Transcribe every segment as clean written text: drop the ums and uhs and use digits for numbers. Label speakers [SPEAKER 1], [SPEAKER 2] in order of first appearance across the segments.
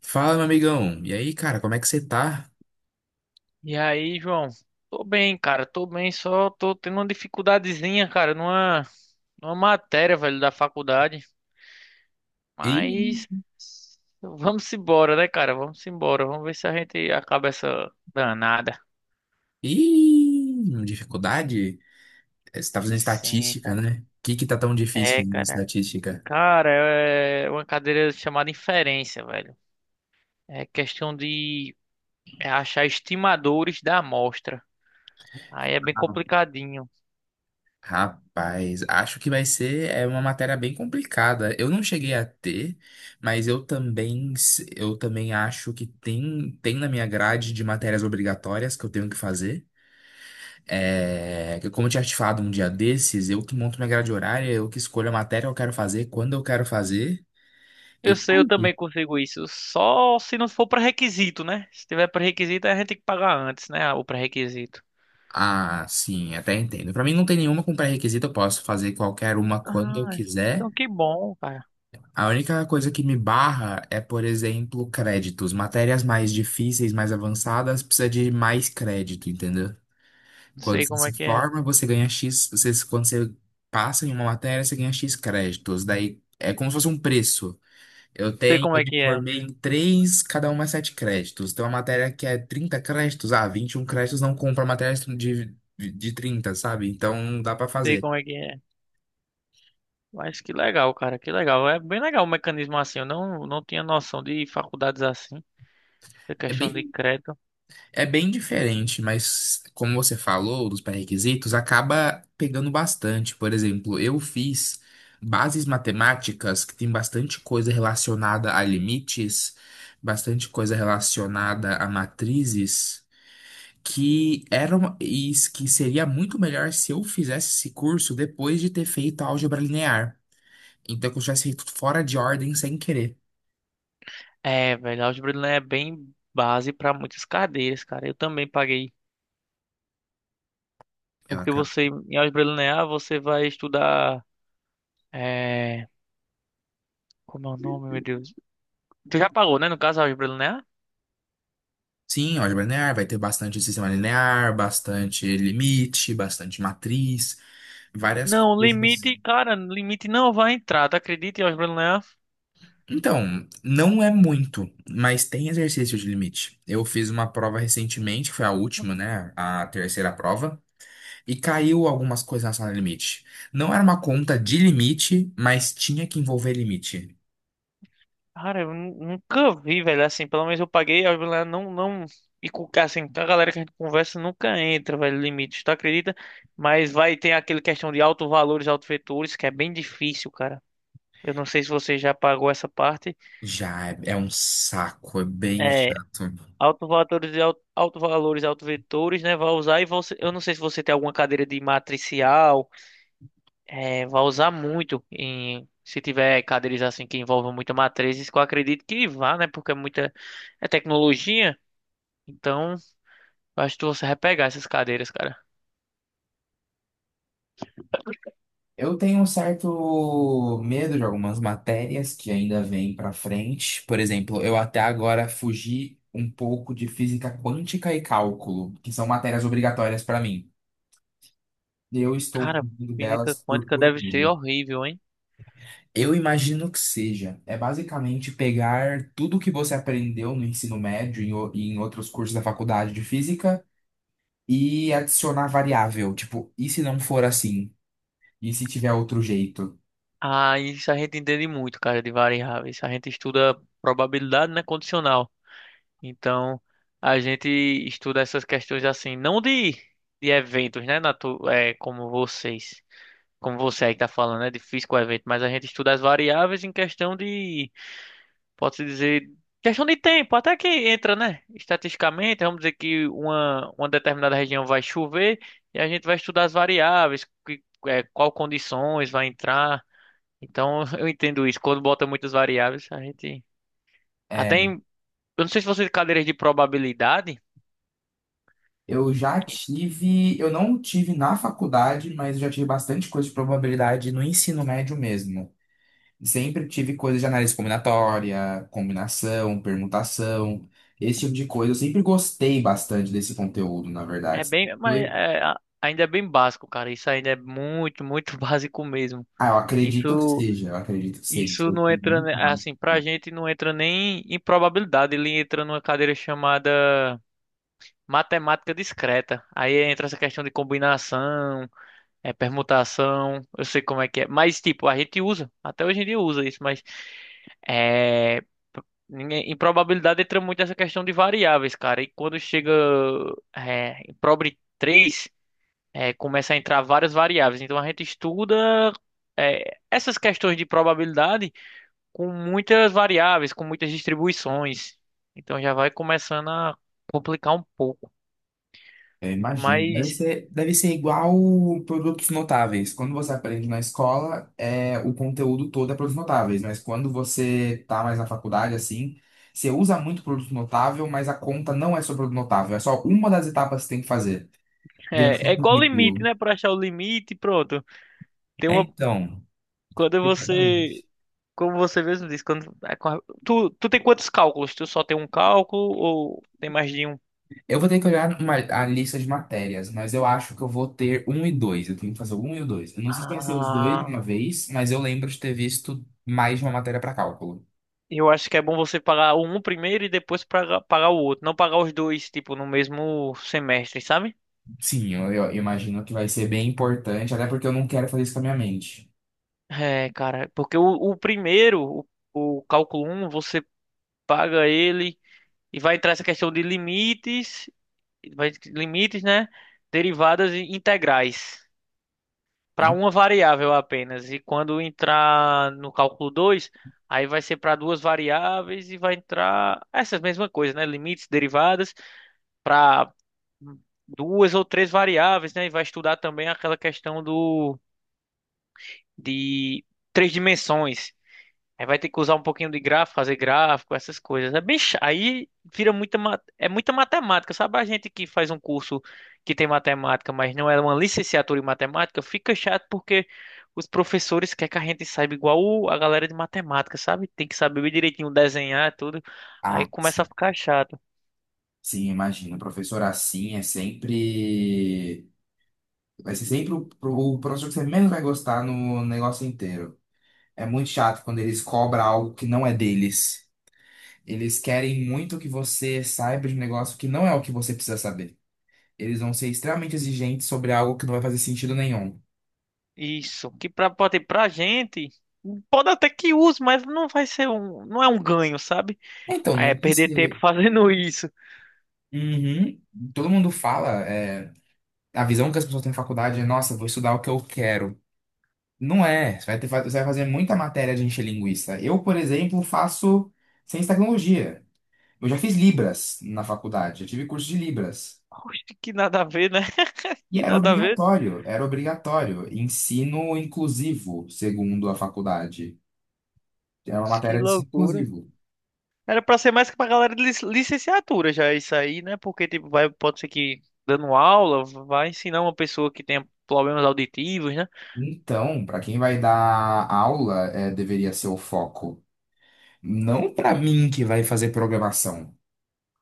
[SPEAKER 1] Fala, meu amigão. E aí, cara, como é que você tá?
[SPEAKER 2] E aí, João? Tô bem, cara, tô bem, só tô tendo uma dificuldadezinha, cara, numa matéria, velho, da faculdade.
[SPEAKER 1] Ih,
[SPEAKER 2] Mas vamos embora, né, cara? Vamos embora. Vamos ver se a gente acaba essa danada.
[SPEAKER 1] ih, dificuldade? É, você tá fazendo
[SPEAKER 2] Sim,
[SPEAKER 1] estatística,
[SPEAKER 2] cara.
[SPEAKER 1] né? O que que tá tão difícil
[SPEAKER 2] É,
[SPEAKER 1] em
[SPEAKER 2] cara.
[SPEAKER 1] estatística?
[SPEAKER 2] Cara, é uma cadeira chamada inferência, velho. É questão de achar estimadores da amostra. Aí é bem
[SPEAKER 1] Ah,
[SPEAKER 2] complicadinho.
[SPEAKER 1] Rapaz, acho que vai ser é uma matéria bem complicada. Eu não cheguei a ter, mas eu também acho que tem na minha grade de matérias obrigatórias que eu tenho que fazer. É, que como eu tinha te falado um dia desses, eu que monto minha grade horária, eu que escolho a matéria que eu quero fazer, quando eu quero fazer
[SPEAKER 2] Eu
[SPEAKER 1] e tá
[SPEAKER 2] sei, eu
[SPEAKER 1] aí.
[SPEAKER 2] também consigo isso. Só se não for pré-requisito, né? Se tiver pré-requisito, aí a gente tem que pagar antes, né? O pré-requisito.
[SPEAKER 1] Ah, sim, até entendo. Pra mim não tem nenhuma com pré-requisito, eu posso fazer qualquer uma quando eu
[SPEAKER 2] Ah, então
[SPEAKER 1] quiser.
[SPEAKER 2] que bom, cara.
[SPEAKER 1] A única coisa que me barra é, por exemplo, créditos. Matérias mais difíceis, mais avançadas, precisa de mais crédito, entendeu?
[SPEAKER 2] Não
[SPEAKER 1] Quando
[SPEAKER 2] sei
[SPEAKER 1] você
[SPEAKER 2] como é
[SPEAKER 1] se
[SPEAKER 2] que é.
[SPEAKER 1] forma, você ganha X, quando você passa em uma matéria, você ganha X créditos. Daí é como se fosse um preço.
[SPEAKER 2] Sei como
[SPEAKER 1] Eu
[SPEAKER 2] é
[SPEAKER 1] me
[SPEAKER 2] que é.
[SPEAKER 1] formei em três, cada uma 7 créditos. Tem uma matéria que é 30 créditos, ah, 21 créditos não compra matéria de 30 sabe? Então não dá pra
[SPEAKER 2] Sei
[SPEAKER 1] fazer.
[SPEAKER 2] como é que é. Mas que legal, cara. Que legal. É bem legal o mecanismo assim. Eu não, não tinha noção de faculdades assim. Da
[SPEAKER 1] É
[SPEAKER 2] questão de
[SPEAKER 1] bem,
[SPEAKER 2] crédito.
[SPEAKER 1] é bem diferente, mas como você falou dos pré-requisitos, acaba pegando bastante. Por exemplo, eu fiz bases matemáticas, que tem bastante coisa relacionada a limites, bastante coisa relacionada a matrizes. Que era uma, e s- Que seria muito melhor se eu fizesse esse curso depois de ter feito álgebra linear. Então, que eu tivesse feito fora de ordem sem querer.
[SPEAKER 2] É, velho. Álgebra linear é bem base para muitas cadeiras, cara. Eu também paguei.
[SPEAKER 1] Eu
[SPEAKER 2] Porque
[SPEAKER 1] acabo.
[SPEAKER 2] você, em álgebra linear, você vai estudar. É, como é o nome, meu Deus? Tu já pagou, né? No caso, a Álgebra Linear?
[SPEAKER 1] Sim, álgebra linear vai ter bastante sistema linear, bastante limite, bastante matriz, várias
[SPEAKER 2] Não,
[SPEAKER 1] coisas.
[SPEAKER 2] limite, cara, limite não vai entrar, tá acredita em Álgebra Linear?
[SPEAKER 1] Então, não é muito, mas tem exercício de limite. Eu fiz uma prova recentemente, que foi a última, né? A terceira prova. E caiu algumas coisas na sala limite. Não era uma conta de limite, mas tinha que envolver limite.
[SPEAKER 2] Cara, nunca vi, velho, assim, pelo menos eu paguei, a Álgebra Linear não, e com, assim, a galera que a gente conversa nunca entra, velho, limite, tu acredita? Mas vai ter aquele questão de alto valores, alto vetores, que é bem difícil, cara. Eu não sei se você já pagou essa parte.
[SPEAKER 1] Já é, é um saco, é bem
[SPEAKER 2] É,
[SPEAKER 1] chato.
[SPEAKER 2] alto valores e alto valores, alto vetores, né? Vai usar e você, eu não sei se você tem alguma cadeira de matricial. É, vai usar muito em se tiver cadeiras assim que envolvam muita matrizes, que eu acredito que vá, né? Porque é muita, é tecnologia. Então, eu acho que você vai pegar essas cadeiras, cara.
[SPEAKER 1] Eu tenho um certo medo de algumas matérias que ainda vêm para frente. Por exemplo, eu até agora fugi um pouco de física quântica e cálculo, que são matérias obrigatórias para mim. Eu estou
[SPEAKER 2] Cara,
[SPEAKER 1] fugindo
[SPEAKER 2] física
[SPEAKER 1] delas por
[SPEAKER 2] quântica
[SPEAKER 1] puro
[SPEAKER 2] deve ser
[SPEAKER 1] medo.
[SPEAKER 2] horrível, hein?
[SPEAKER 1] Eu imagino que seja. É basicamente pegar tudo o que você aprendeu no ensino médio e em outros cursos da faculdade de física e adicionar variável. Tipo, e se não for assim? E se tiver outro jeito?
[SPEAKER 2] Ah, isso a gente entende muito, cara, de variáveis. A gente estuda probabilidade, né, condicional. Então, a gente estuda essas questões assim, não de, de eventos, né, natu é, como vocês. Como você aí está falando, é difícil com o evento, mas a gente estuda as variáveis em questão de, pode-se dizer, questão de tempo, até que entra, né? Estatisticamente, vamos dizer que uma determinada região vai chover e a gente vai estudar as variáveis, que, é, qual condições vai entrar. Então, eu entendo isso. Quando bota muitas variáveis, a gente até
[SPEAKER 1] É,
[SPEAKER 2] em, eu não sei se você tem cadeiras de probabilidade,
[SPEAKER 1] eu já
[SPEAKER 2] que
[SPEAKER 1] tive. Eu não tive na faculdade, mas eu já tive bastante coisa de probabilidade no ensino médio mesmo. Sempre tive coisa de análise combinatória, combinação, permutação, esse tipo de coisa. Eu sempre gostei bastante desse conteúdo, na
[SPEAKER 2] é
[SPEAKER 1] verdade.
[SPEAKER 2] bem, mas é, ainda é bem básico, cara. Isso ainda é muito, muito básico mesmo.
[SPEAKER 1] Ah, eu acredito que
[SPEAKER 2] Isso
[SPEAKER 1] seja, eu acredito que seja.
[SPEAKER 2] Isso
[SPEAKER 1] Isso
[SPEAKER 2] não
[SPEAKER 1] tem
[SPEAKER 2] entra,
[SPEAKER 1] muito mais.
[SPEAKER 2] assim, pra gente não entra nem em probabilidade, ele entra numa cadeira chamada matemática discreta. Aí entra essa questão de combinação, é, permutação, eu sei como é que é. Mas, tipo, a gente usa, até hoje em dia usa isso, mas é, ninguém- em probabilidade entra muito essa questão de variáveis, cara. E quando chega é, em probre 3 é, começa a entrar várias variáveis. Então a gente estuda é, essas questões de probabilidade com muitas variáveis, com muitas distribuições. Então já vai começando a complicar um pouco.
[SPEAKER 1] Eu imagino.
[SPEAKER 2] Mas
[SPEAKER 1] Deve ser igual produtos notáveis. Quando você aprende na escola, é, o conteúdo todo é produtos notáveis, mas quando você tá mais na faculdade, assim, você usa muito produto notável, mas a conta não é sobre produto notável, é só uma das etapas que você tem que fazer. Viração
[SPEAKER 2] é, é
[SPEAKER 1] do
[SPEAKER 2] igual limite,
[SPEAKER 1] meio.
[SPEAKER 2] né? Para achar o limite, pronto. Tem
[SPEAKER 1] É,
[SPEAKER 2] uma,
[SPEAKER 1] então,
[SPEAKER 2] quando você,
[SPEAKER 1] exatamente.
[SPEAKER 2] como você mesmo disse, quando é com tu tem quantos cálculos? Tu só tem um cálculo ou tem mais de um?
[SPEAKER 1] Eu vou ter que olhar uma, a lista de matérias, mas eu acho que eu vou ter um e dois. Eu tenho que fazer o um e o dois. Eu não sei se tem que ser os dois de
[SPEAKER 2] Ah,
[SPEAKER 1] uma vez, mas eu lembro de ter visto mais de uma matéria para cálculo.
[SPEAKER 2] eu acho que é bom você pagar um primeiro e depois pagar o outro, não pagar os dois, tipo, no mesmo semestre, sabe?
[SPEAKER 1] Sim, eu imagino que vai ser bem importante, até porque eu não quero fazer isso com a minha mente.
[SPEAKER 2] É, cara, porque o primeiro, o cálculo um você paga ele e vai entrar essa questão de limites, limites, né? Derivadas e integrais para
[SPEAKER 1] Em-
[SPEAKER 2] uma variável apenas. E quando entrar no cálculo 2, aí vai ser para duas variáveis e vai entrar essas mesmas coisas, né? Limites, derivadas para duas ou três variáveis, né? E vai estudar também aquela questão do de três dimensões. Aí vai ter que usar um pouquinho de gráfico, fazer gráfico, essas coisas. É bem, aí vira muita, é muita matemática. Sabe a gente que faz um curso que tem matemática, mas não é uma licenciatura em matemática, fica chato porque os professores querem que a gente saiba igual a galera de matemática, sabe? Tem que saber direitinho desenhar tudo. Aí
[SPEAKER 1] Ah,
[SPEAKER 2] começa a
[SPEAKER 1] sim.
[SPEAKER 2] ficar chato.
[SPEAKER 1] Sim, imagino. O professor assim é sempre. Vai ser sempre o professor que você menos vai gostar no negócio inteiro. É muito chato quando eles cobram algo que não é deles. Eles querem muito que você saiba de um negócio que não é o que você precisa saber. Eles vão ser extremamente exigentes sobre algo que não vai fazer sentido nenhum.
[SPEAKER 2] Isso, que pra, pode pra gente, pode até que use, mas não vai ser um, não é um ganho, sabe?
[SPEAKER 1] Então,
[SPEAKER 2] Aí é
[SPEAKER 1] não
[SPEAKER 2] perder
[SPEAKER 1] precisa.
[SPEAKER 2] tempo fazendo isso.
[SPEAKER 1] Uhum. Todo mundo fala, é, a visão que as pessoas têm na faculdade é, nossa, vou estudar o que eu quero. Não é. Você vai fazer muita matéria de encher linguiça. Eu, por exemplo, faço ciência e tecnologia. Eu já fiz Libras na faculdade, eu tive curso de Libras.
[SPEAKER 2] Oxe, que nada a ver, né?
[SPEAKER 1] E
[SPEAKER 2] Que
[SPEAKER 1] era
[SPEAKER 2] nada a ver.
[SPEAKER 1] obrigatório, era obrigatório. Ensino inclusivo, segundo a faculdade. É uma
[SPEAKER 2] Que
[SPEAKER 1] matéria de ciclo
[SPEAKER 2] loucura.
[SPEAKER 1] inclusivo.
[SPEAKER 2] Era pra ser mais que pra galera de licenciatura já isso aí, né? Porque tipo, vai, pode ser que dando aula vai ensinar uma pessoa que tenha problemas auditivos, né?
[SPEAKER 1] Então, para quem vai dar aula, é, deveria ser o foco. Não para mim que vai fazer programação.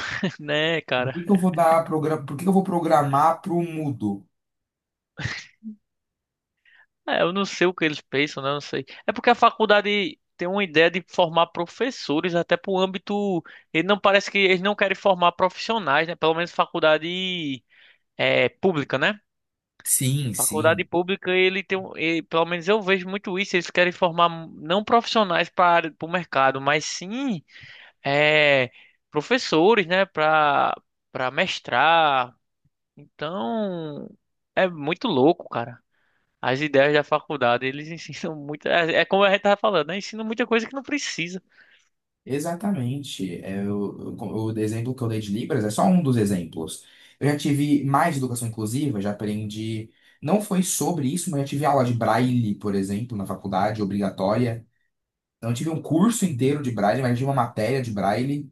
[SPEAKER 2] Né, cara?
[SPEAKER 1] Por que que eu vou programar para o mudo?
[SPEAKER 2] É, eu não sei o que eles pensam, né? Eu não sei. É porque a faculdade tem uma ideia de formar professores até pro âmbito, ele não parece que eles não querem formar profissionais, né? Pelo menos faculdade é pública, né?
[SPEAKER 1] Sim,
[SPEAKER 2] Faculdade
[SPEAKER 1] sim.
[SPEAKER 2] pública, ele tem um, e, pelo menos eu vejo muito isso, eles querem formar não profissionais para o mercado, mas sim é, professores, né, para mestrar. Então, é muito louco, cara. As ideias da faculdade, eles ensinam muito, é, é como a gente tava falando, né? Ensinam muita coisa que não precisa.
[SPEAKER 1] Exatamente. O exemplo que eu dei de Libras é só um dos exemplos. Eu já tive mais educação inclusiva, já aprendi. Não foi sobre isso, mas já tive aula de Braille, por exemplo, na faculdade, obrigatória. Não tive um curso inteiro de Braille, mas já tive uma matéria de Braille.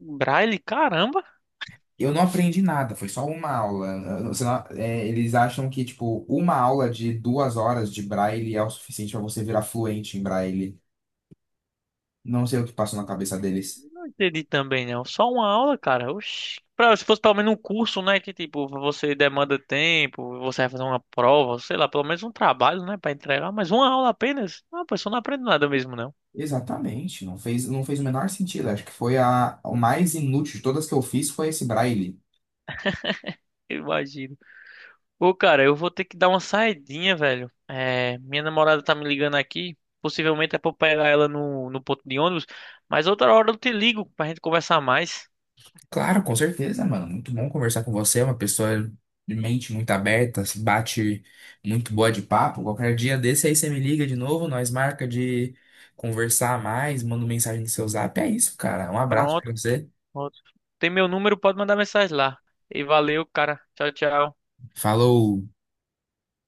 [SPEAKER 2] Braille, caramba.
[SPEAKER 1] Eu não aprendi nada, foi só uma aula. Você não- é, eles acham que, tipo, uma aula de 2 horas de Braille é o suficiente para você virar fluente em Braille. Não sei o que passou na cabeça deles.
[SPEAKER 2] Não entendi também, não. Só uma aula, cara. Oxi. Pra- se fosse pelo menos um curso, né? Que tipo, você demanda tempo, você vai fazer uma prova, sei lá, pelo menos um trabalho, né? Pra entregar, mas uma aula apenas. Ah, a pessoa não aprende nada mesmo, não.
[SPEAKER 1] Exatamente, não fez, não fez o menor sentido. Acho que foi o mais inútil de todas que eu fiz foi esse Braille.
[SPEAKER 2] Eu imagino. Ô, cara, eu vou ter que dar uma saidinha, velho. É, minha namorada tá me ligando aqui. Possivelmente é pra eu pegar ela no ponto de ônibus. Mas outra hora eu te ligo pra gente conversar mais.
[SPEAKER 1] Claro, com certeza, mano. Muito bom conversar com você. É uma pessoa de mente muito aberta, se bate muito boa de papo. Qualquer dia desse aí você me liga de novo, nós marca de conversar mais, manda mensagem no seu zap. É isso, cara. Um abraço pra
[SPEAKER 2] Pronto,
[SPEAKER 1] você.
[SPEAKER 2] pronto. Tem meu número, pode mandar mensagem lá. E valeu, cara. Tchau, tchau.
[SPEAKER 1] Falou.